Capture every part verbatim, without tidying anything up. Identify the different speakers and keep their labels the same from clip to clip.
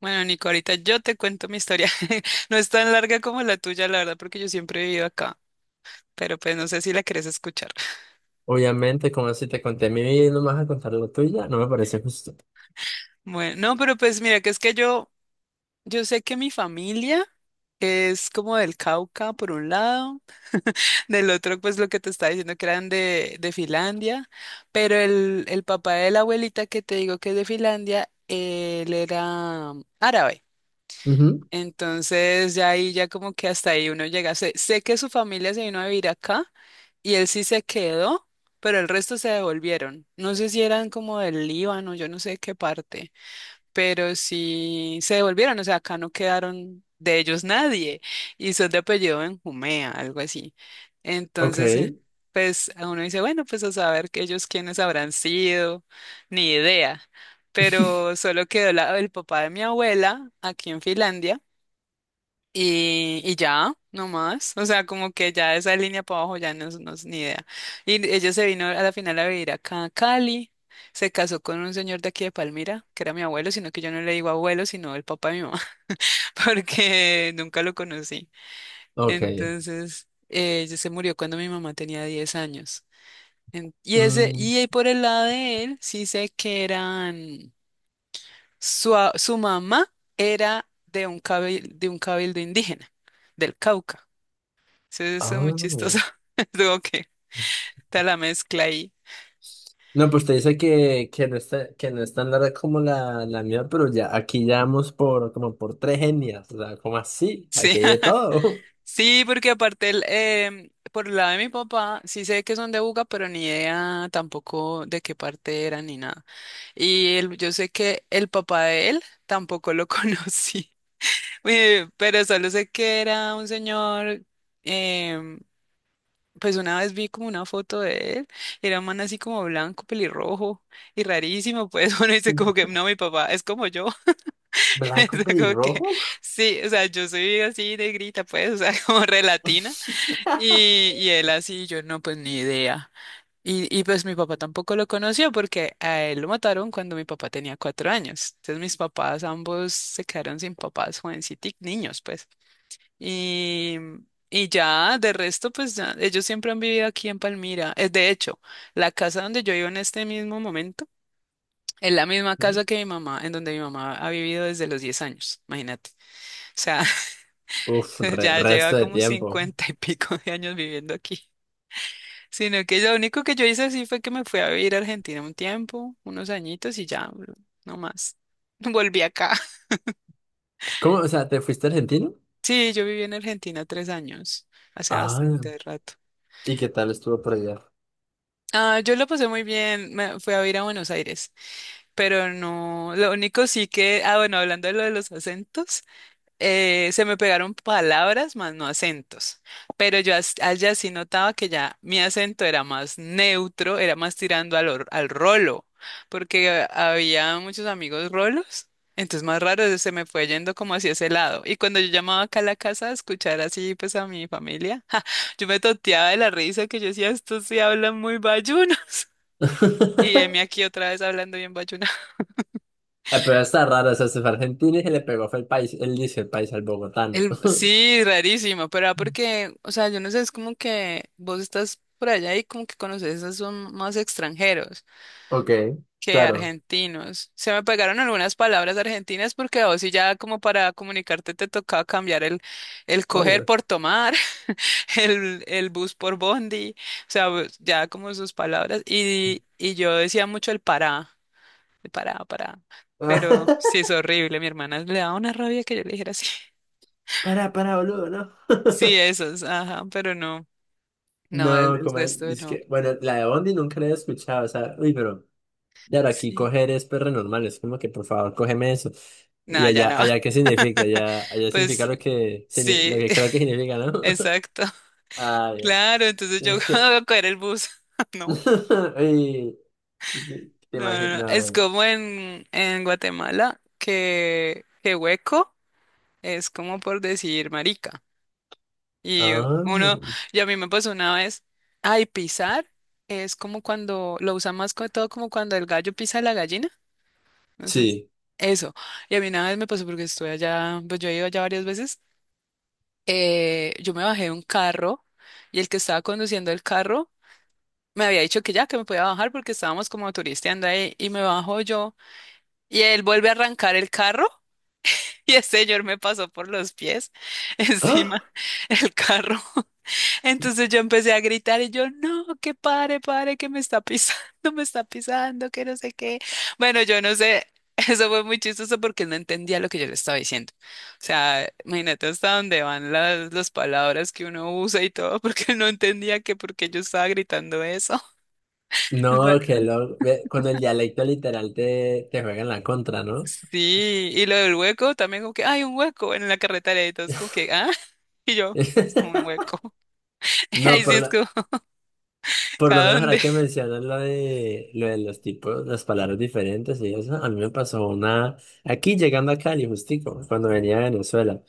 Speaker 1: Bueno, Nico, ahorita yo te cuento mi historia. No es tan larga como la tuya, la verdad, porque yo siempre he vivido acá, pero pues no sé si la quieres escuchar.
Speaker 2: Obviamente, como si te conté mi vida y no me vas a contar lo tuya, no me parece justo.
Speaker 1: Bueno, no, pero pues mira, que es que yo, yo sé que mi familia es como del Cauca, por un lado, del otro, pues lo que te estaba diciendo que eran de, de Finlandia, pero el, el papá de la abuelita que te digo que es de Finlandia, él era árabe.
Speaker 2: Ujú.
Speaker 1: Entonces ya ahí, ya como que hasta ahí uno llega. Sé, sé que su familia se vino a vivir acá y él sí se quedó, pero el resto se devolvieron. No sé si eran como del Líbano, yo no sé qué parte, pero sí se devolvieron, o sea, acá no quedaron de ellos nadie y son de apellido Benjumea, algo así. Entonces, eh,
Speaker 2: Ok.
Speaker 1: pues a uno dice, bueno, pues a saber que ellos quiénes habrán sido, ni idea. Pero solo quedó la- el papá de mi abuela aquí en Finlandia y, y ya, no más. O sea, como que ya esa línea para abajo ya no es no es ni idea. Y ella se vino a la final a vivir acá a Cali. Se casó con un señor de aquí de Palmira, que era mi abuelo, sino que yo no le digo abuelo, sino el papá de mi mamá, porque nunca lo conocí.
Speaker 2: Ok.
Speaker 1: Entonces, eh, ella se murió cuando mi mamá tenía diez años. En- y ese,
Speaker 2: Mm,
Speaker 1: y ahí por el lado de él, sí sé que eran, su, a- su mamá era de un cabil- de un cabildo indígena, del Cauca. Sí, eso es muy chistoso.
Speaker 2: ah.
Speaker 1: Digo que está la mezcla ahí.
Speaker 2: No, pues te dice que, que, no está, que no es tan larga como la, la mía, pero ya aquí ya vamos por, como por tres etnias. ¿O sea, como así?
Speaker 1: Sí,
Speaker 2: Aquí hay de todo.
Speaker 1: sí, porque aparte, el, em, por el lado de mi papá, sí sé que son de Buga, pero ni idea tampoco de qué parte eran ni nada. Y el- yo sé que el papá de él tampoco lo conocí. Eh, pero solo sé que era un señor, em, pues una vez vi como una foto de él, y era un man así como blanco, pelirrojo y rarísimo. Pues uno dice como que no, mi papá es como yo. O
Speaker 2: ¿Blanco
Speaker 1: sea, como que,
Speaker 2: pelirrojo?
Speaker 1: sí, o sea, yo soy así negrita, pues, o sea, como relatina. Y, y él así, yo no, pues ni idea. Y, y pues mi papá tampoco lo conoció porque a él lo mataron cuando mi papá tenía cuatro años. Entonces mis papás ambos se quedaron sin papás, jovencitos, niños, pues. Y, y ya, de resto, pues ya, ellos siempre han vivido aquí en Palmira. Es de hecho la casa donde yo vivo en este mismo momento. Es la misma casa que mi mamá, en donde mi mamá ha vivido desde los diez años, imagínate. O sea,
Speaker 2: Uf, re-
Speaker 1: ya lleva
Speaker 2: resto de
Speaker 1: como
Speaker 2: tiempo.
Speaker 1: cincuenta y pico de años viviendo aquí. Sino que lo único que yo hice así fue que me fui a vivir a Argentina un tiempo, unos añitos y ya, lo- no más. Volví acá.
Speaker 2: ¿Cómo? O sea, ¿te fuiste argentino?
Speaker 1: Sí, yo viví en Argentina tres años, hace
Speaker 2: Ah,
Speaker 1: bastante rato.
Speaker 2: ¿y qué tal estuvo por allá?
Speaker 1: Ah, yo lo pasé muy bien, me fui a vivir a Buenos Aires, pero no, lo único sí. Que, ah, bueno, hablando de lo de los acentos, eh, se me pegaron palabras más no acentos, pero yo as- allá sí notaba que ya mi acento era más neutro, era más tirando al, or- al rolo, porque había muchos amigos rolos, entonces más raro se me fue yendo como hacia ese lado. Y cuando yo llamaba acá a la casa a escuchar así pues a mi familia, ja, yo me toteaba de la risa. Que yo decía, estos sí hablan muy bayunos. Y heme aquí otra vez hablando bien bayuno.
Speaker 2: Eh, pero está raro, o sea, se fue a Argentina y se le pegó, fue el país, él dice el país al bogotano.
Speaker 1: El, sí, rarísimo, pero ah, porque, o sea, yo no sé, es como que vos estás por allá y como que conoces, a son más extranjeros
Speaker 2: Ok,
Speaker 1: que
Speaker 2: claro,
Speaker 1: argentinos. Se me pegaron algunas palabras argentinas porque a vos sí ya como para comunicarte te tocaba cambiar el, el coger
Speaker 2: oído.
Speaker 1: por tomar, el, el bus por bondi, o sea, vos- ya como sus palabras. Y, y yo decía mucho el pará, el pará, pará. Pero sí es horrible, mi hermana le daba una rabia que yo le dijera así.
Speaker 2: Para, para, boludo, ¿no?
Speaker 1: Sí, esos, ajá, pero no. No, el,
Speaker 2: No,
Speaker 1: el
Speaker 2: como,
Speaker 1: resto
Speaker 2: es
Speaker 1: no.
Speaker 2: que, bueno, la de Bondi nunca la he escuchado, o sea, uy, pero, claro, aquí
Speaker 1: Sí.
Speaker 2: coger es perro normal, es como que, por favor, cógeme eso. Y
Speaker 1: No, ya
Speaker 2: allá,
Speaker 1: no.
Speaker 2: allá, ¿qué significa? Allá, allá significa
Speaker 1: Pues
Speaker 2: lo que, signi- lo
Speaker 1: sí,
Speaker 2: que creo que significa, ¿no?
Speaker 1: exacto.
Speaker 2: Ah, ya.
Speaker 1: Claro, entonces yo
Speaker 2: Es que,
Speaker 1: voy a coger el bus. No,
Speaker 2: ay, ¿qué te
Speaker 1: no, no, no. Es como
Speaker 2: imaginas?
Speaker 1: en, en Guatemala que, que, hueco es como por decir marica. Y
Speaker 2: Ah,
Speaker 1: uno, y a mí me pasó una vez, ay, pisar es como cuando lo usan más que todo como cuando el gallo pisa a la gallina. Entonces,
Speaker 2: sí.
Speaker 1: eso. Y a mí una vez me pasó porque estuve allá, pues yo he ido allá varias veces. eh, yo me bajé de un carro y el que estaba conduciendo el carro me había dicho que ya, que me podía bajar porque estábamos como turisteando ahí y me bajo yo y él vuelve a arrancar el carro y el señor me pasó por los pies encima
Speaker 2: ¡Ah!
Speaker 1: el carro. Entonces yo empecé a gritar y yo, no, que pare, pare, que me está pisando, me está pisando, que no sé qué. Bueno, yo no sé, eso fue muy chistoso porque no entendía lo que yo le estaba diciendo. O sea, imagínate hasta dónde van las, las palabras que uno usa y todo, porque no entendía que por qué yo estaba gritando eso.
Speaker 2: No,
Speaker 1: Pero-
Speaker 2: que lo... ve, con el dialecto literal te, te juegan la contra, ¿no?
Speaker 1: Sí, y lo del hueco también como que, hay un hueco en la carretera y todo, es como que, ah, y yo, pues un hueco.
Speaker 2: No,
Speaker 1: Ahí sí
Speaker 2: por
Speaker 1: es
Speaker 2: lo,
Speaker 1: como,
Speaker 2: por lo
Speaker 1: ¿cada
Speaker 2: menos
Speaker 1: dónde?
Speaker 2: ahora que mencionas lo de, lo de los tipos, las palabras diferentes y eso, a mí me pasó una... Aquí llegando a Cali, justico, cuando venía a Venezuela.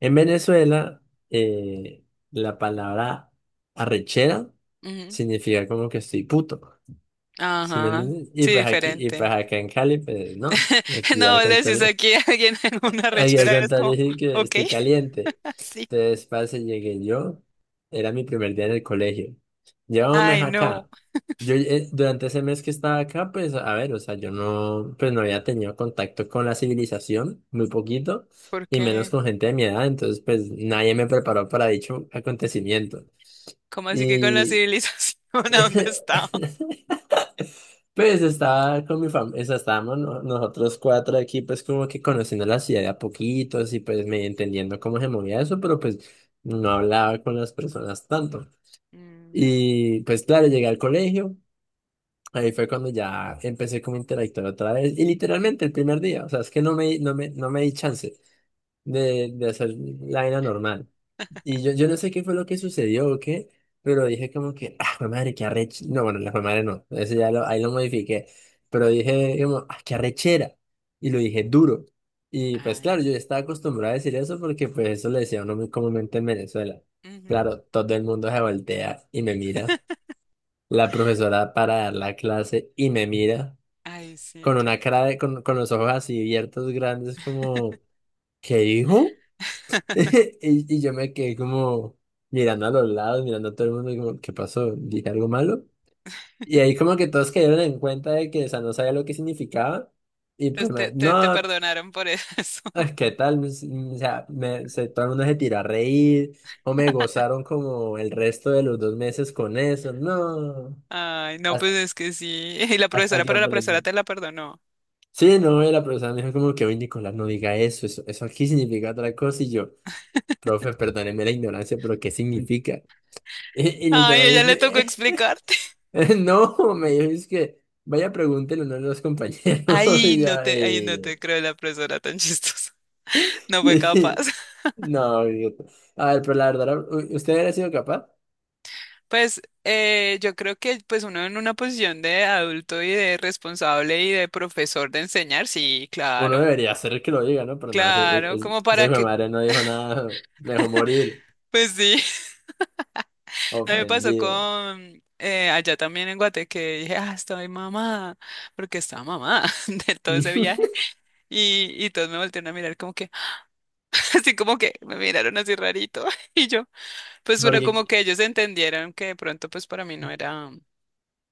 Speaker 2: En Venezuela, eh, la palabra arrechera
Speaker 1: Ujú,
Speaker 2: significa como que estoy puto. ¿Sí me
Speaker 1: ajá,
Speaker 2: entiendes? Y
Speaker 1: sí,
Speaker 2: pues aquí, y pues
Speaker 1: diferente.
Speaker 2: acá en Cali, pues no. Aquí
Speaker 1: No,
Speaker 2: al
Speaker 1: le decís
Speaker 2: contrario,
Speaker 1: aquí a alguien en una
Speaker 2: aquí al
Speaker 1: rechera, eres
Speaker 2: contrario
Speaker 1: como,
Speaker 2: sí que
Speaker 1: ok,
Speaker 2: estoy caliente.
Speaker 1: así.
Speaker 2: Entonces, parce, llegué yo. Era mi primer día en el colegio. Llevaba un mes
Speaker 1: Ay, no,
Speaker 2: acá. Yo eh, durante ese mes que estaba acá, pues, a ver, o sea, yo no, pues no había tenido contacto con la civilización, muy poquito,
Speaker 1: ¿por
Speaker 2: y menos
Speaker 1: qué?
Speaker 2: con gente de mi edad, entonces pues nadie me preparó para dicho acontecimiento.
Speaker 1: ¿Cómo así que con la
Speaker 2: Y
Speaker 1: civilización a dónde estaba?
Speaker 2: pues estaba con mi familia, estábamos no- nosotros cuatro aquí, pues como que conociendo la ciudad de a poquitos y pues me entendiendo cómo se movía eso, pero pues no hablaba con las personas tanto.
Speaker 1: Mm, ya.
Speaker 2: Y pues claro, llegué al colegio, ahí fue cuando ya empecé como a interactuar otra vez, y literalmente el primer día, o sea, es que no me, no me, no me di chance de, de hacer la vaina normal. Y yo, yo no sé qué fue lo que sucedió o qué, pero dije como que, ah, jue madre, qué arrechera. No, bueno, la jue madre no, eso ya lo, ahí lo modifiqué. Pero dije como, ah, qué arrechera. Y lo dije duro. Y pues
Speaker 1: Ay,
Speaker 2: claro, yo ya
Speaker 1: s-
Speaker 2: estaba acostumbrado a decir eso porque pues eso le decía uno muy comúnmente en Venezuela.
Speaker 1: ujú.
Speaker 2: Claro, todo el mundo se voltea y me mira. La profesora para dar la clase y me mira
Speaker 1: Ay, sí,
Speaker 2: con
Speaker 1: que
Speaker 2: una cara de, con, con los ojos así abiertos, grandes, como, ¿qué dijo? Y, y yo me quedé como mirando a los lados, mirando a todo el mundo y como, ¿qué pasó? ¿Dije algo malo? Y ahí como que todos cayeron en cuenta de que, o sea, no sabía lo que significaba. Y pues,
Speaker 1: pues te,
Speaker 2: me-
Speaker 1: te, te
Speaker 2: no,
Speaker 1: perdonaron por eso.
Speaker 2: es que tal, o sea, me, se, todo el mundo se tiró a reír o me gozaron como el resto de los dos meses con eso. No,
Speaker 1: Ay, no, pues
Speaker 2: hasta,
Speaker 1: es que sí. Y la
Speaker 2: hasta
Speaker 1: profesora,
Speaker 2: que
Speaker 1: pero la profesora
Speaker 2: aprendí.
Speaker 1: te la perdonó.
Speaker 2: Sí, no, y la profesora me dijo como que, oye, Nicolás, no diga eso, eso, eso aquí significa otra cosa. Y yo, profe, perdóneme la ignorancia, pero ¿qué significa? Y, y
Speaker 1: Ay, ella le tocó
Speaker 2: literalmente,
Speaker 1: explicarte.
Speaker 2: no, me dijo, es que vaya pregúntele ¿no? a uno de los compañeros.
Speaker 1: Ay,
Speaker 2: Y yo,
Speaker 1: no te, ay, no
Speaker 2: eh,
Speaker 1: te creo. La profesora tan chistosa. No fue capaz.
Speaker 2: no, idiota. A ver, pero la verdad, ¿u- ¿usted hubiera sido capaz?
Speaker 1: Pues eh, yo creo que pues uno en una posición de adulto y de responsable y de profesor de enseñar, sí,
Speaker 2: Uno
Speaker 1: claro,
Speaker 2: debería hacer que lo diga, ¿no? Pero no, ese,
Speaker 1: claro,
Speaker 2: ese-
Speaker 1: como
Speaker 2: ese
Speaker 1: para
Speaker 2: hijo de
Speaker 1: que,
Speaker 2: madre no dijo nada, me dejó morir,
Speaker 1: pues sí, a mí me pasó
Speaker 2: ofendido.
Speaker 1: con eh, allá también en Guate que dije, ah, estoy mamada, porque estaba mamada de todo ese viaje y, y todos me voltearon a mirar como que, así como que me miraron así rarito y yo, pues pero
Speaker 2: Porque,
Speaker 1: como que ellos entendieron que de pronto pues para mí no era...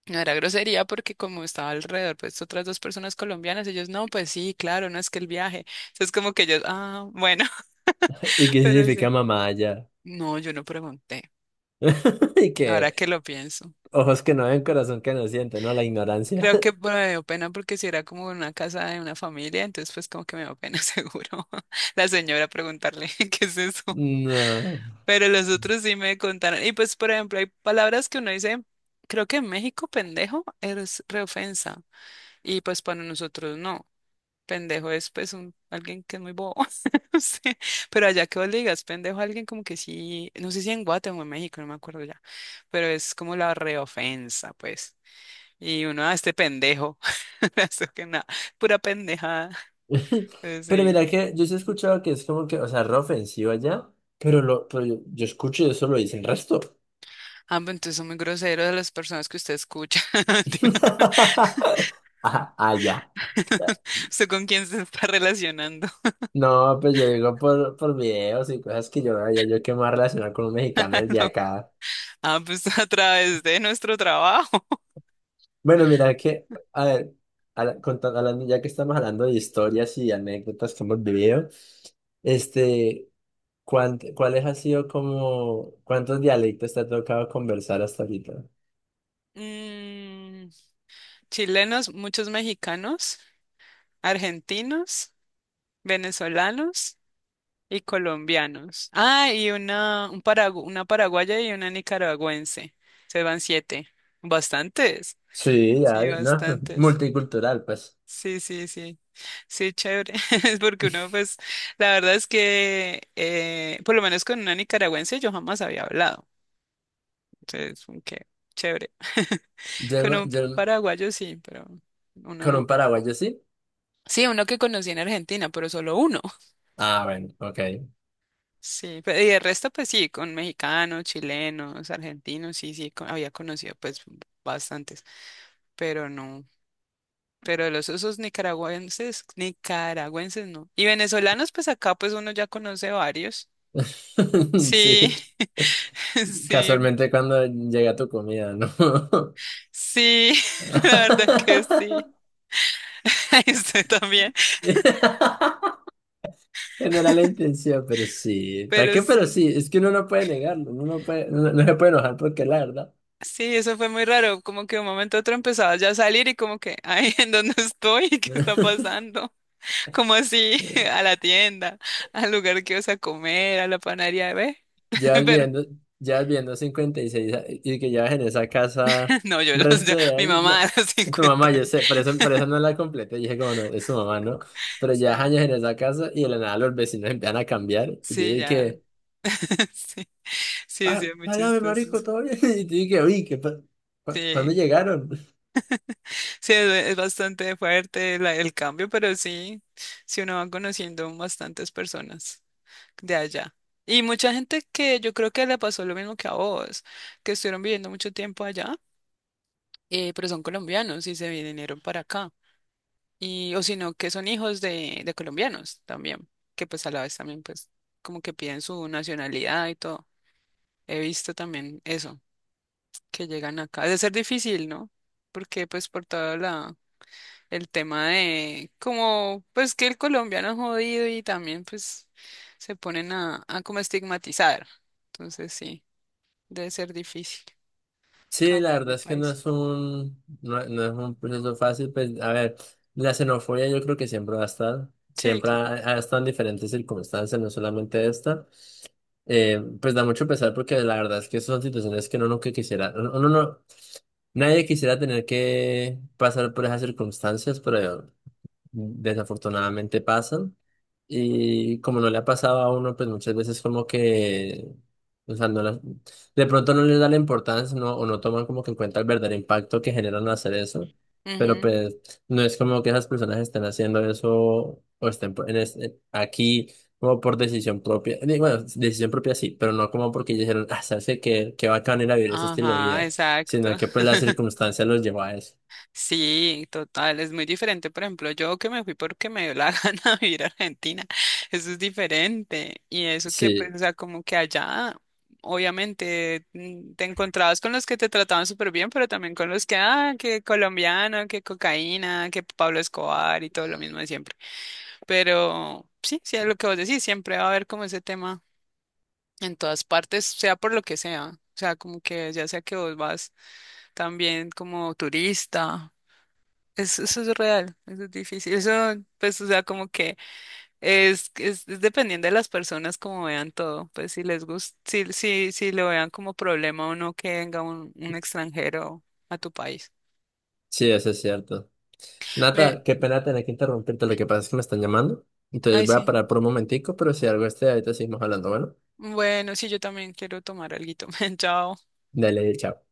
Speaker 1: No era grosería porque como estaba alrededor, pues otras dos personas colombianas, ellos, no, pues sí, claro, no es que el viaje. Entonces como que ellos, ah, bueno,
Speaker 2: ¿y qué
Speaker 1: pero sí.
Speaker 2: significa mamá allá?
Speaker 1: No, yo no pregunté.
Speaker 2: Y
Speaker 1: Ahora
Speaker 2: que
Speaker 1: que lo pienso.
Speaker 2: ojos que no ven, corazón que no siente, ¿no? La ignorancia.
Speaker 1: Creo que bueno, me dio pena porque si era como una casa de una familia, entonces pues como que me dio pena seguro la señora preguntarle qué es eso.
Speaker 2: No.
Speaker 1: Pero los otros sí me contaron. Y pues, por ejemplo, hay palabras que uno dice, creo que en México pendejo es reofensa. Y pues para nosotros no. Pendejo es pues un, alguien que es muy bobo. No. Pero allá que vos le digas pendejo a alguien como que sí, no sé si en Guatemala o en México, no me acuerdo ya, pero es como la reofensa, pues. Y uno a este pendejo, eso que nada, pura pendejada. Pues
Speaker 2: Pero
Speaker 1: sí.
Speaker 2: mira que yo sí he escuchado que es como que, o sea, re ofensivo allá, pero lo, pero yo, yo escucho y eso lo dice el resto.
Speaker 1: Ah, pues entonces son muy groseros de las personas que usted escucha. Mentira.
Speaker 2: Ah, allá.
Speaker 1: ¿Usted con quién se está relacionando?
Speaker 2: No, pues yo digo por, por videos y cosas que yo no veía, yo que me voy a relacionar con un mexicano desde
Speaker 1: No.
Speaker 2: acá.
Speaker 1: Ah, pues a través de nuestro trabajo.
Speaker 2: Bueno, mira que, a ver, habla- conta- hablando, ya que estamos hablando de historias y anécdotas que hemos vivido, este, ¿cuánt- ¿cuáles ha sido como, cuántos dialectos te ha tocado conversar hasta ahorita?
Speaker 1: Mm, Chilenos, muchos mexicanos, argentinos, venezolanos y colombianos. Ah, y una, un paragu- una paraguaya y una nicaragüense. Se van siete. Bastantes.
Speaker 2: Sí, ya,
Speaker 1: Sí,
Speaker 2: no,
Speaker 1: bastantes.
Speaker 2: multicultural, pues.
Speaker 1: Sí, sí, sí. Sí, chévere. Es porque uno, pues, la verdad es que, eh, por lo menos con una nicaragüense yo jamás había hablado. Entonces, que chévere.
Speaker 2: Yo,
Speaker 1: Con
Speaker 2: no-
Speaker 1: un
Speaker 2: yo
Speaker 1: paraguayo sí, pero uno
Speaker 2: con un
Speaker 1: no.
Speaker 2: paraguayo sí.
Speaker 1: Sí, uno que conocí en Argentina, pero solo uno.
Speaker 2: Ah, bueno, ok.
Speaker 1: Sí, pe- y el resto, pues sí, con mexicanos, chilenos, argentinos, sí, sí, co- había conocido, pues, bastantes, pero no. Pero los esos nicaragüenses, nicaragüenses no. Y venezolanos, pues acá, pues uno ya conoce varios. Sí,
Speaker 2: Sí,
Speaker 1: sí,
Speaker 2: casualmente cuando llega tu comida, ¿no?
Speaker 1: sí, la verdad que sí. Ahí estoy también,
Speaker 2: No era la intención, pero sí. ¿Para
Speaker 1: pero
Speaker 2: qué? Pero sí,
Speaker 1: sí,
Speaker 2: es que uno no puede negarlo, uno no puede, no, no se puede enojar porque es la verdad.
Speaker 1: sí, eso fue muy raro, como que de un momento a otro empezaba ya a salir y como que, ay, ¿en dónde estoy? ¿Qué está pasando? Como así, a la tienda, al lugar que vas a comer, a la panadería, ¿ve?
Speaker 2: Ya vas
Speaker 1: Pero,
Speaker 2: viendo, ya vas viendo cincuenta y seis a- y que llevas en esa casa
Speaker 1: no, yo los, yo-
Speaker 2: resto de
Speaker 1: mi
Speaker 2: años. No,
Speaker 1: mamá a los
Speaker 2: tu
Speaker 1: cincuenta
Speaker 2: mamá, yo
Speaker 1: años,
Speaker 2: sé, por eso, por eso no la completé. Dije, como no, es tu mamá, ¿no? Pero llevas
Speaker 1: sí,
Speaker 2: años en esa casa y de la nada los vecinos empiezan a cambiar. Y
Speaker 1: sí,
Speaker 2: dije
Speaker 1: ya,
Speaker 2: que,
Speaker 1: sí, sí, sí,
Speaker 2: ah,
Speaker 1: es muy
Speaker 2: háblame,
Speaker 1: chistoso,
Speaker 2: marico, todo bien. Y dije, que, uy, ¿qué pa- pa- ¿cuándo
Speaker 1: sí.
Speaker 2: llegaron?
Speaker 1: Sí, es es bastante fuerte la- el cambio, pero sí, sí uno va conociendo bastantes personas de allá. Y mucha gente que yo creo que le pasó lo mismo que a vos, que estuvieron viviendo mucho tiempo allá, eh, pero son colombianos y se vinieron para acá. Y, o si no, que son hijos de, de colombianos también, que pues a la vez también pues como que piden su nacionalidad y todo. He visto también eso, que llegan acá. Debe ser difícil, ¿no? Porque pues por toda la el tema de como pues que el colombiano es jodido y también pues se ponen a, a como estigmatizar. Entonces sí, debe ser difícil
Speaker 2: Sí, la
Speaker 1: cambiar
Speaker 2: verdad
Speaker 1: de
Speaker 2: es que no
Speaker 1: país.
Speaker 2: es un, no, no es un proceso fácil. Pues, a ver, la xenofobia yo creo que siempre va a estar.
Speaker 1: Sí,
Speaker 2: Siempre ha,
Speaker 1: claro.
Speaker 2: ha estado en diferentes circunstancias, no solamente esta. Eh, pues da mucho pesar porque la verdad es que son situaciones que uno nunca quisiera, uno no, nadie quisiera tener que pasar por esas circunstancias, pero desafortunadamente pasan. Y como no le ha pasado a uno, pues muchas veces como que, o sea, no la- de pronto no les da la importancia no, o no toman como que en cuenta el verdadero impacto que generan al hacer eso. Pero
Speaker 1: Ujú.
Speaker 2: pues no es como que esas personas estén haciendo eso o estén por- en este- aquí como por decisión propia. Digo, bueno, decisión propia sí, pero no como porque ellos dijeron, ah, sabes que qué, qué bacán ir a vivir ese estilo de
Speaker 1: Ajá,
Speaker 2: vida,
Speaker 1: exacto.
Speaker 2: sino que pues la circunstancia los llevó a eso.
Speaker 1: Sí, total, es muy diferente. Por ejemplo, yo que me fui porque me dio la gana de ir a Argentina, eso es diferente. Y eso que, pues,
Speaker 2: Sí,
Speaker 1: o sea, como que allá, obviamente, mm, te encontrabas con los que te trataban súper bien, pero también con los que, ah, que colombiano, que cocaína, que Pablo Escobar y todo lo mismo de siempre. Pero sí, sí, es lo que vos decís, siempre va a haber como ese tema en todas partes, sea por lo que sea. O sea, como que ya sea que vos vas también como turista es- eso es real, eso es difícil. Eso, pues, o sea, como que es, es, es dependiendo de las personas como vean todo. Pues si les gusta, si, si, si lo vean como problema o no que venga un, un extranjero a tu país.
Speaker 2: sí, eso es cierto.
Speaker 1: Ve,
Speaker 2: Nata, qué pena tener que interrumpirte, lo que pasa es que me están llamando. Entonces
Speaker 1: ay,
Speaker 2: voy a
Speaker 1: sí.
Speaker 2: parar por un momentico, pero si algo esté ahorita seguimos hablando, bueno.
Speaker 1: Bueno, sí, yo también quiero tomar alguito. Chao.
Speaker 2: Dale, chao.